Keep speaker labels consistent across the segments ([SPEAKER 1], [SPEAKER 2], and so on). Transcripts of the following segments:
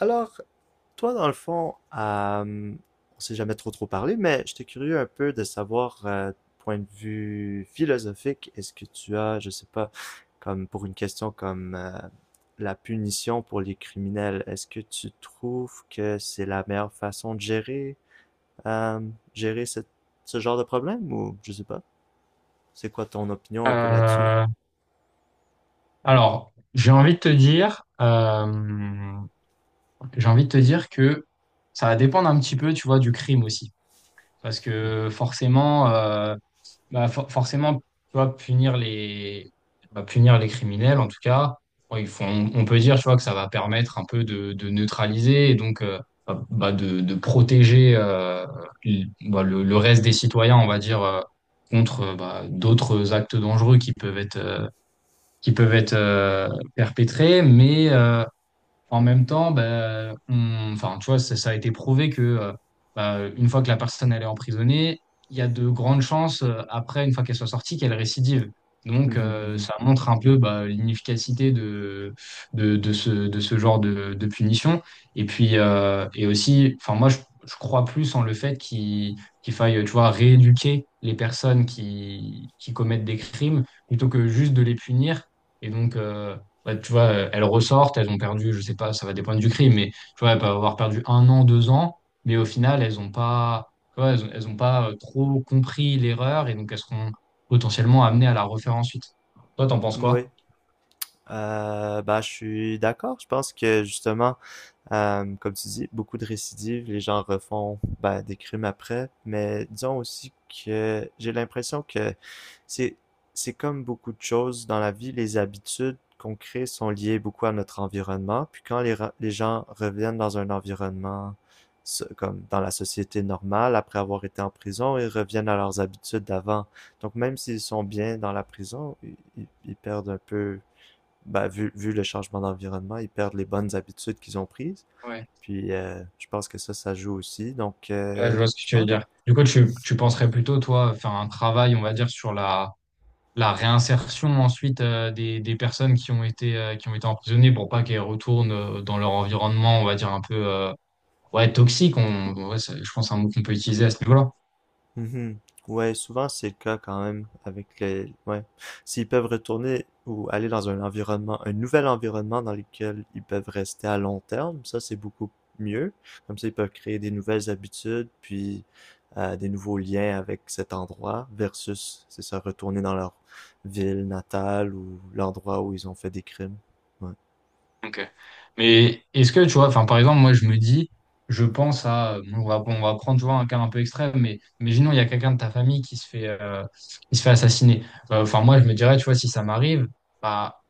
[SPEAKER 1] Alors, toi, dans le fond, on s'est jamais trop parlé, mais j'étais curieux un peu de savoir, point de vue philosophique, est-ce que tu as, je sais pas, comme pour une question comme la punition pour les criminels, est-ce que tu trouves que c'est la meilleure façon de gérer, euh, gérer ce genre de problème ou je sais pas, c'est quoi ton opinion un peu là-dessus?
[SPEAKER 2] Euh, alors, j'ai envie de te dire que ça va dépendre un petit peu, tu vois, du crime aussi, parce que forcément, bah, forcément, tu vois, punir les criminels, en tout cas, bon, on peut dire, tu vois, que ça va permettre un peu de neutraliser et donc bah, de protéger le reste des citoyens, on va dire, contre d'autres actes dangereux qui peuvent être qui peuvent être euh, perpétrées, mais en même temps, ben, enfin, tu vois, ça a été prouvé que une fois que la personne elle est emprisonnée, il y a de grandes chances après, une fois qu'elle soit sortie, qu'elle récidive. Donc,
[SPEAKER 1] Mhm,
[SPEAKER 2] ça montre un peu bah, l'inefficacité de ce genre de punition. Et puis, et aussi, enfin, moi, je crois plus en le fait qu'il faille, tu vois, rééduquer les personnes qui commettent des crimes plutôt que juste de les punir. Et donc, ouais, tu vois, elles ressortent, elles ont perdu, je sais pas, ça va dépendre du crime, mais tu vois, elles peuvent avoir perdu un an, deux ans, mais au final, elles ont pas, tu vois, elles ont pas trop compris l'erreur et donc elles seront potentiellement amenées à la refaire ensuite. Toi, t'en penses
[SPEAKER 1] mhm. Oui,
[SPEAKER 2] quoi?
[SPEAKER 1] bah je suis d'accord. Je pense que justement, comme tu dis, beaucoup de récidives, les gens refont ben, des crimes après, mais disons aussi que j'ai l'impression que c'est c'est comme beaucoup de choses dans la vie, les habitudes qu'on crée sont liées beaucoup à notre environnement, puis quand les gens reviennent dans un environnement comme dans la société normale, après avoir été en prison, ils reviennent à leurs habitudes d'avant. Donc même s'ils sont bien dans la prison, ils perdent un peu, ben, vu le changement d'environnement, ils perdent les bonnes habitudes qu'ils ont prises.
[SPEAKER 2] Ouais.
[SPEAKER 1] Puis je pense que ça joue aussi. Donc,
[SPEAKER 2] Ouais, je vois ce que
[SPEAKER 1] je
[SPEAKER 2] tu veux
[SPEAKER 1] pense.
[SPEAKER 2] dire. Du coup, tu penserais plutôt, toi, faire un travail, on va dire, sur la réinsertion ensuite des personnes qui ont été emprisonnées pour pas qu'elles retournent dans leur environnement, on va dire, un peu ouais, toxique. Ouais, je pense que c'est un mot qu'on peut utiliser à ce niveau-là.
[SPEAKER 1] Mhm. Ouais, souvent c'est le cas quand même avec les. Ouais. S'ils peuvent retourner ou aller dans un environnement, un nouvel environnement dans lequel ils peuvent rester à long terme, ça c'est beaucoup mieux. Comme ça, ils peuvent créer des nouvelles habitudes, puis des nouveaux liens avec cet endroit, versus, c'est ça, retourner dans leur ville natale ou l'endroit où ils ont fait des crimes. Ouais.
[SPEAKER 2] Ok. Mais est-ce que tu vois, enfin par exemple, moi je me dis, je pense à, on va prendre tu vois, un cas un peu extrême, mais imaginons il y a quelqu'un de ta famille qui se fait assassiner. Enfin moi je me dirais, tu vois, si ça m'arrive, bah,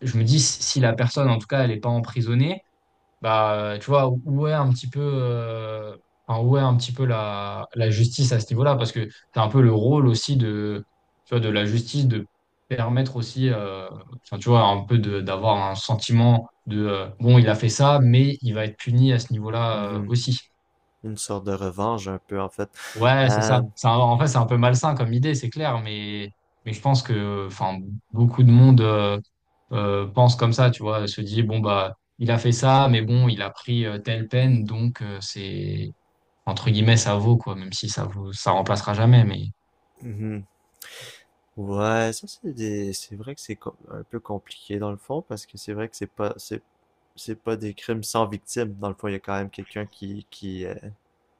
[SPEAKER 2] je me dis si la personne en tout cas elle n'est pas emprisonnée, bah, tu vois, où est un petit peu, enfin, où est un petit peu la justice à ce niveau-là? Parce que c'est un peu le rôle aussi de, tu vois, de la justice de permettre aussi, enfin, tu vois, un peu de, d'avoir un sentiment de, bon, il a fait ça, mais il va être puni à ce niveau-là,
[SPEAKER 1] Mhm.
[SPEAKER 2] aussi.
[SPEAKER 1] Une sorte de revanche un peu en fait.
[SPEAKER 2] Ouais, c'est ça.
[SPEAKER 1] Euh,
[SPEAKER 2] En fait, c'est un peu malsain comme idée, c'est clair, mais je pense que enfin, beaucoup de monde pense comme ça, tu vois, se dit, bon, bah, il a fait ça, mais bon, il a pris telle peine, donc c'est, entre guillemets, ça vaut, quoi, même si ça vaut, ça remplacera jamais, mais.
[SPEAKER 1] Mhm. Ouais, ça c'est c'est vrai que un peu compliqué dans le fond parce que c'est vrai que c'est pas des crimes sans victime. Dans le fond, il y a quand même quelqu'un qui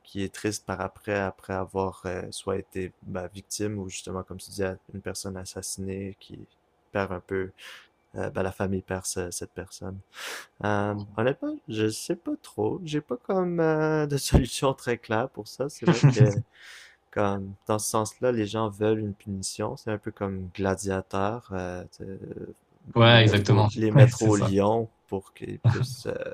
[SPEAKER 1] qui est triste par après après avoir soit été bah, victime ou justement comme tu disais une personne assassinée qui perd un peu bah, la famille perd cette personne. Honnêtement, je sais pas trop. J'ai pas comme de solution très claire pour ça. C'est vrai que comme, dans ce sens-là, les gens veulent une punition. C'est un peu comme Gladiateur, tu
[SPEAKER 2] Ouais, exactement.
[SPEAKER 1] les
[SPEAKER 2] Ouais,
[SPEAKER 1] mettre
[SPEAKER 2] c'est
[SPEAKER 1] au
[SPEAKER 2] ça.
[SPEAKER 1] lion pour qu'ils puissent,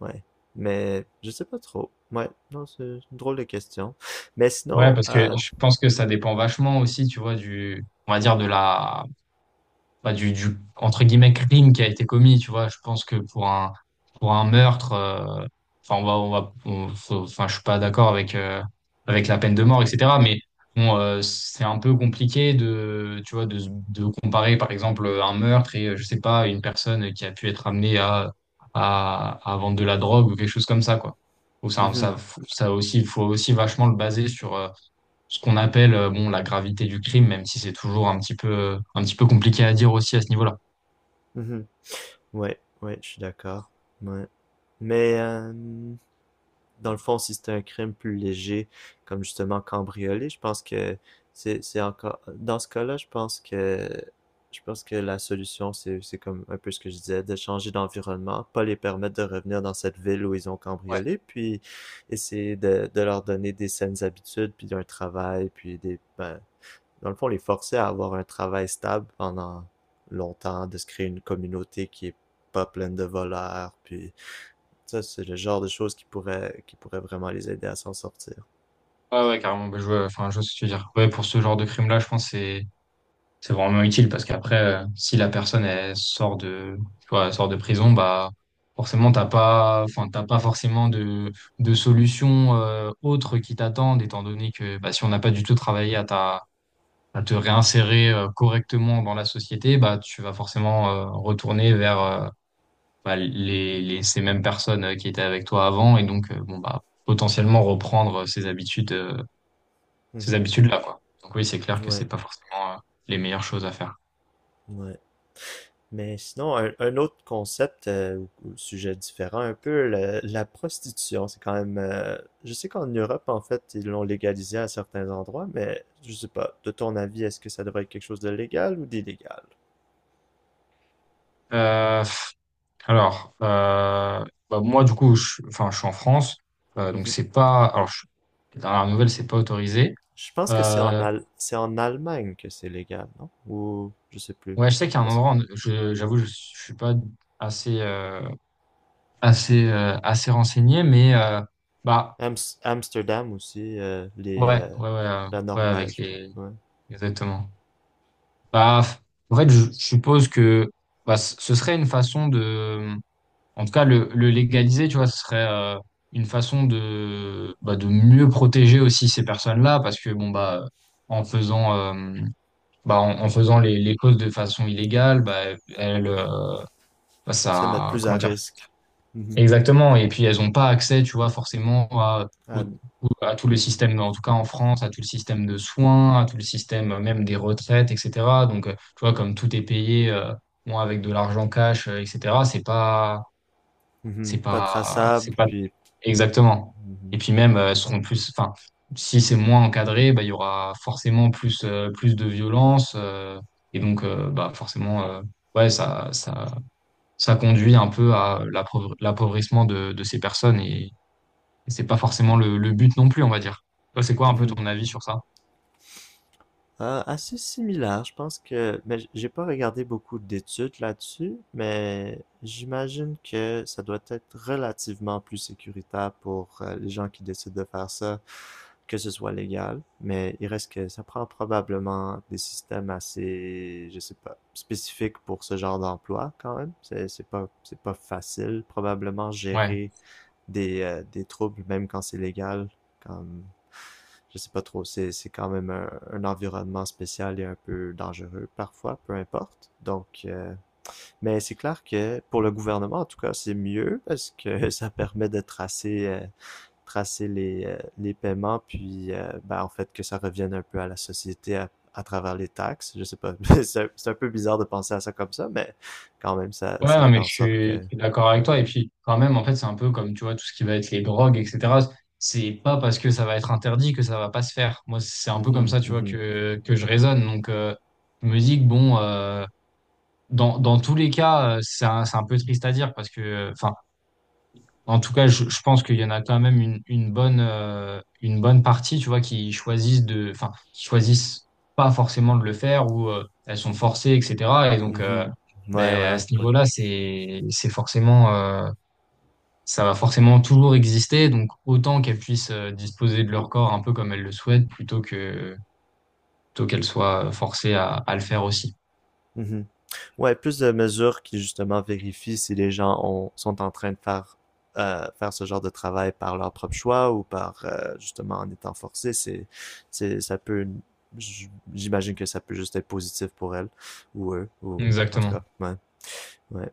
[SPEAKER 1] ouais. Mais je sais pas trop. Ouais, non, c'est une drôle de question. Mais
[SPEAKER 2] Ouais,
[SPEAKER 1] sinon,
[SPEAKER 2] parce que je pense que ça dépend vachement aussi, tu vois, du, on va dire, de la bah, du entre guillemets crime qui a été commis, tu vois. Je pense que pour un meurtre, enfin on va on va on- faut- enfin je suis pas d'accord avec avec la peine de mort, etc. Mais bon, c'est un peu compliqué de tu vois de comparer par exemple un meurtre et je sais pas une personne qui a pu être amenée à vendre de la drogue ou quelque chose comme ça quoi. Ou ça ça
[SPEAKER 1] mhm,
[SPEAKER 2] ça aussi faut aussi vachement le baser sur ce qu'on appelle bon, la gravité du crime, même si c'est toujours un petit peu compliqué à dire aussi à ce niveau-là.
[SPEAKER 1] mhm. Ouais, ouais, je suis d'accord. Ouais. Mais dans le fond, si c'était un crime plus léger, comme justement cambrioler, je pense que c'est encore dans ce cas-là, je pense que la solution c'est comme un peu ce que je disais, de changer d'environnement, pas les permettre de revenir dans cette ville où ils ont cambriolé, puis essayer de leur donner des saines habitudes, puis un travail, puis des ben, dans le fond les forcer à avoir un travail stable pendant longtemps, de se créer une communauté qui est pas pleine de voleurs, puis ça, c'est le genre de choses qui pourrait vraiment les aider à s'en sortir.
[SPEAKER 2] Ah ouais, carrément. Bah, je vois, enfin, je vois ce que tu veux dire. Ouais, pour ce genre de crime-là, je pense que c'est vraiment utile parce qu'après, si la personne elle sort de, tu vois, elle sort de prison, bah forcément t'as pas, enfin t'as pas forcément de solution autre qui t'attendent, étant donné que bah, si on n'a pas du tout travaillé à te réinsérer correctement dans la société, bah tu vas forcément retourner vers bah, ces mêmes personnes qui étaient avec toi avant et donc bon bah potentiellement reprendre ces
[SPEAKER 1] Mhm.
[SPEAKER 2] habitudes là quoi. Donc oui, c'est clair que c'est
[SPEAKER 1] Ouais,
[SPEAKER 2] pas forcément les meilleures choses à faire.
[SPEAKER 1] ouais. Mais sinon, un autre concept ou sujet différent, un peu la prostitution, c'est quand même. Je sais qu'en Europe, en fait, ils l'ont légalisé à certains endroits, mais je sais pas. De ton avis, est-ce que ça devrait être quelque chose de légal ou d'illégal?
[SPEAKER 2] Euh, pff, alors bah, moi du coup enfin je suis en France donc
[SPEAKER 1] Mhm.
[SPEAKER 2] c'est pas alors les dernières nouvelles c'est pas autorisé.
[SPEAKER 1] Je pense que c'est
[SPEAKER 2] Euh,
[SPEAKER 1] C'est en Allemagne que c'est légal, non? Ou je sais plus.
[SPEAKER 2] ouais, je sais qu'il y
[SPEAKER 1] Je
[SPEAKER 2] a un
[SPEAKER 1] pense
[SPEAKER 2] endroit je j'avoue je suis pas assez euh, assez renseigné mais bah,
[SPEAKER 1] Ams- Amsterdam aussi, les
[SPEAKER 2] ouais, ouais, ouais,
[SPEAKER 1] la
[SPEAKER 2] ouais, avec
[SPEAKER 1] Norvège,
[SPEAKER 2] les,
[SPEAKER 1] ouais.
[SPEAKER 2] exactement. Bah, en fait, je suppose que bah, ce serait une façon de, en tout cas, le légaliser, tu vois, ce serait une façon de, bah, de mieux protéger aussi ces personnes-là, parce que bon, bah, en faisant, bah, en faisant les causes de façon illégale, bah, elles, euh, bah,
[SPEAKER 1] Se mettre
[SPEAKER 2] ça,
[SPEAKER 1] plus à
[SPEAKER 2] comment dire.
[SPEAKER 1] risque. Mhm.
[SPEAKER 2] Exactement. Et puis, elles n'ont pas accès, tu vois, forcément à, au-
[SPEAKER 1] À-
[SPEAKER 2] à tout le système, en tout cas en France, à tout le système de soins, à tout le système même des retraites, etc. Donc, tu vois, comme tout est payé, bon, avec de l'argent cash, etc., c'est
[SPEAKER 1] mhm. Pas
[SPEAKER 2] pas,
[SPEAKER 1] traçable, puis...
[SPEAKER 2] exactement. Et
[SPEAKER 1] mhm.
[SPEAKER 2] puis même, elles seront plus, enfin, si c'est moins encadré, bah, il y aura forcément plus, plus de violence. Et donc, bah, forcément, ouais, ça conduit un peu à l'appauvrissement de ces personnes et, c'est pas forcément le but non plus, on va dire. Toi, c'est quoi un peu
[SPEAKER 1] Mhm.
[SPEAKER 2] ton avis sur ça?
[SPEAKER 1] Ah, assez similaire, je pense que... Mais j'ai pas regardé beaucoup d'études là-dessus, mais j'imagine que ça doit être relativement plus sécuritaire pour les gens qui décident de faire ça, que ce soit légal. Mais il reste que ça prend probablement des systèmes assez, je sais pas, spécifiques pour ce genre d'emploi quand même. C'est pas facile probablement
[SPEAKER 2] Ouais.
[SPEAKER 1] gérer des troubles, même quand c'est légal. Comme, je sais pas trop, c'est quand même un environnement spécial et un peu dangereux parfois, peu importe. Donc, mais c'est clair que pour le gouvernement, en tout cas, c'est mieux parce que ça permet de tracer, tracer les paiements, puis ben, en fait que ça revienne un peu à la société à travers les taxes. Je sais pas, c'est un peu bizarre de penser à ça comme ça, mais quand même,
[SPEAKER 2] Ouais,
[SPEAKER 1] ça
[SPEAKER 2] non,
[SPEAKER 1] fait
[SPEAKER 2] mais
[SPEAKER 1] en
[SPEAKER 2] je
[SPEAKER 1] sorte
[SPEAKER 2] suis,
[SPEAKER 1] que...
[SPEAKER 2] je suis d'accord
[SPEAKER 1] Ouais.
[SPEAKER 2] avec toi. Et puis, quand même, en fait, c'est un peu comme, tu vois, tout ce qui va être les drogues, etc. C'est pas parce que ça va être interdit que ça va pas se faire. Moi, c'est un peu comme
[SPEAKER 1] Mhm,
[SPEAKER 2] ça, tu vois,
[SPEAKER 1] mhm,
[SPEAKER 2] que je raisonne. Donc, je me dis que, bon, dans tous les cas, c'est un peu triste à dire parce que, enfin, en tout cas, je pense qu'il y en a quand même une bonne partie, tu vois, qui choisissent de, enfin, qui choisissent pas forcément de le faire ou elles sont forcées, etc. Et donc,
[SPEAKER 1] mhm. Ouais,
[SPEAKER 2] ben,
[SPEAKER 1] ouais,
[SPEAKER 2] à
[SPEAKER 1] ouais,
[SPEAKER 2] ce
[SPEAKER 1] ouais.
[SPEAKER 2] niveau-là, c'est forcément, ça va forcément toujours exister. Donc, autant qu'elles puissent disposer de leur corps un peu comme elles le souhaitent, plutôt que, plutôt qu'elles soient forcées à le faire aussi.
[SPEAKER 1] Mhm. Ouais, plus de mesures qui justement vérifient si les gens sont en train de faire, faire ce genre de travail par leur propre choix ou par justement en étant forcés, ça peut, j'imagine que ça peut juste être positif pour elles ou eux, ou en tout cas,
[SPEAKER 2] Exactement.
[SPEAKER 1] ouais, ouais.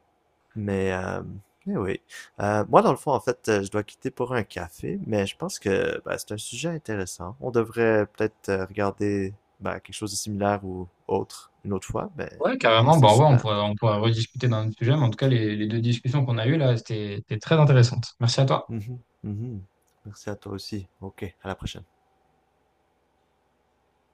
[SPEAKER 1] Mais, euh, mais oui. Moi, dans le fond, en fait, je dois quitter pour un café, mais je pense que bah, c'est un sujet intéressant. On devrait peut-être regarder bah, quelque chose de similaire ou autre une autre fois,
[SPEAKER 2] Ouais,
[SPEAKER 1] mais
[SPEAKER 2] carrément.
[SPEAKER 1] c'était
[SPEAKER 2] Bon, ouais, on
[SPEAKER 1] super.
[SPEAKER 2] pourra, on pourra rediscuter d'un autre sujet, mais en tout cas, les deux discussions qu'on a eues là, c'était très intéressante. Merci à toi.
[SPEAKER 1] Mhm, mhm. Merci à toi aussi. Ok, à la prochaine.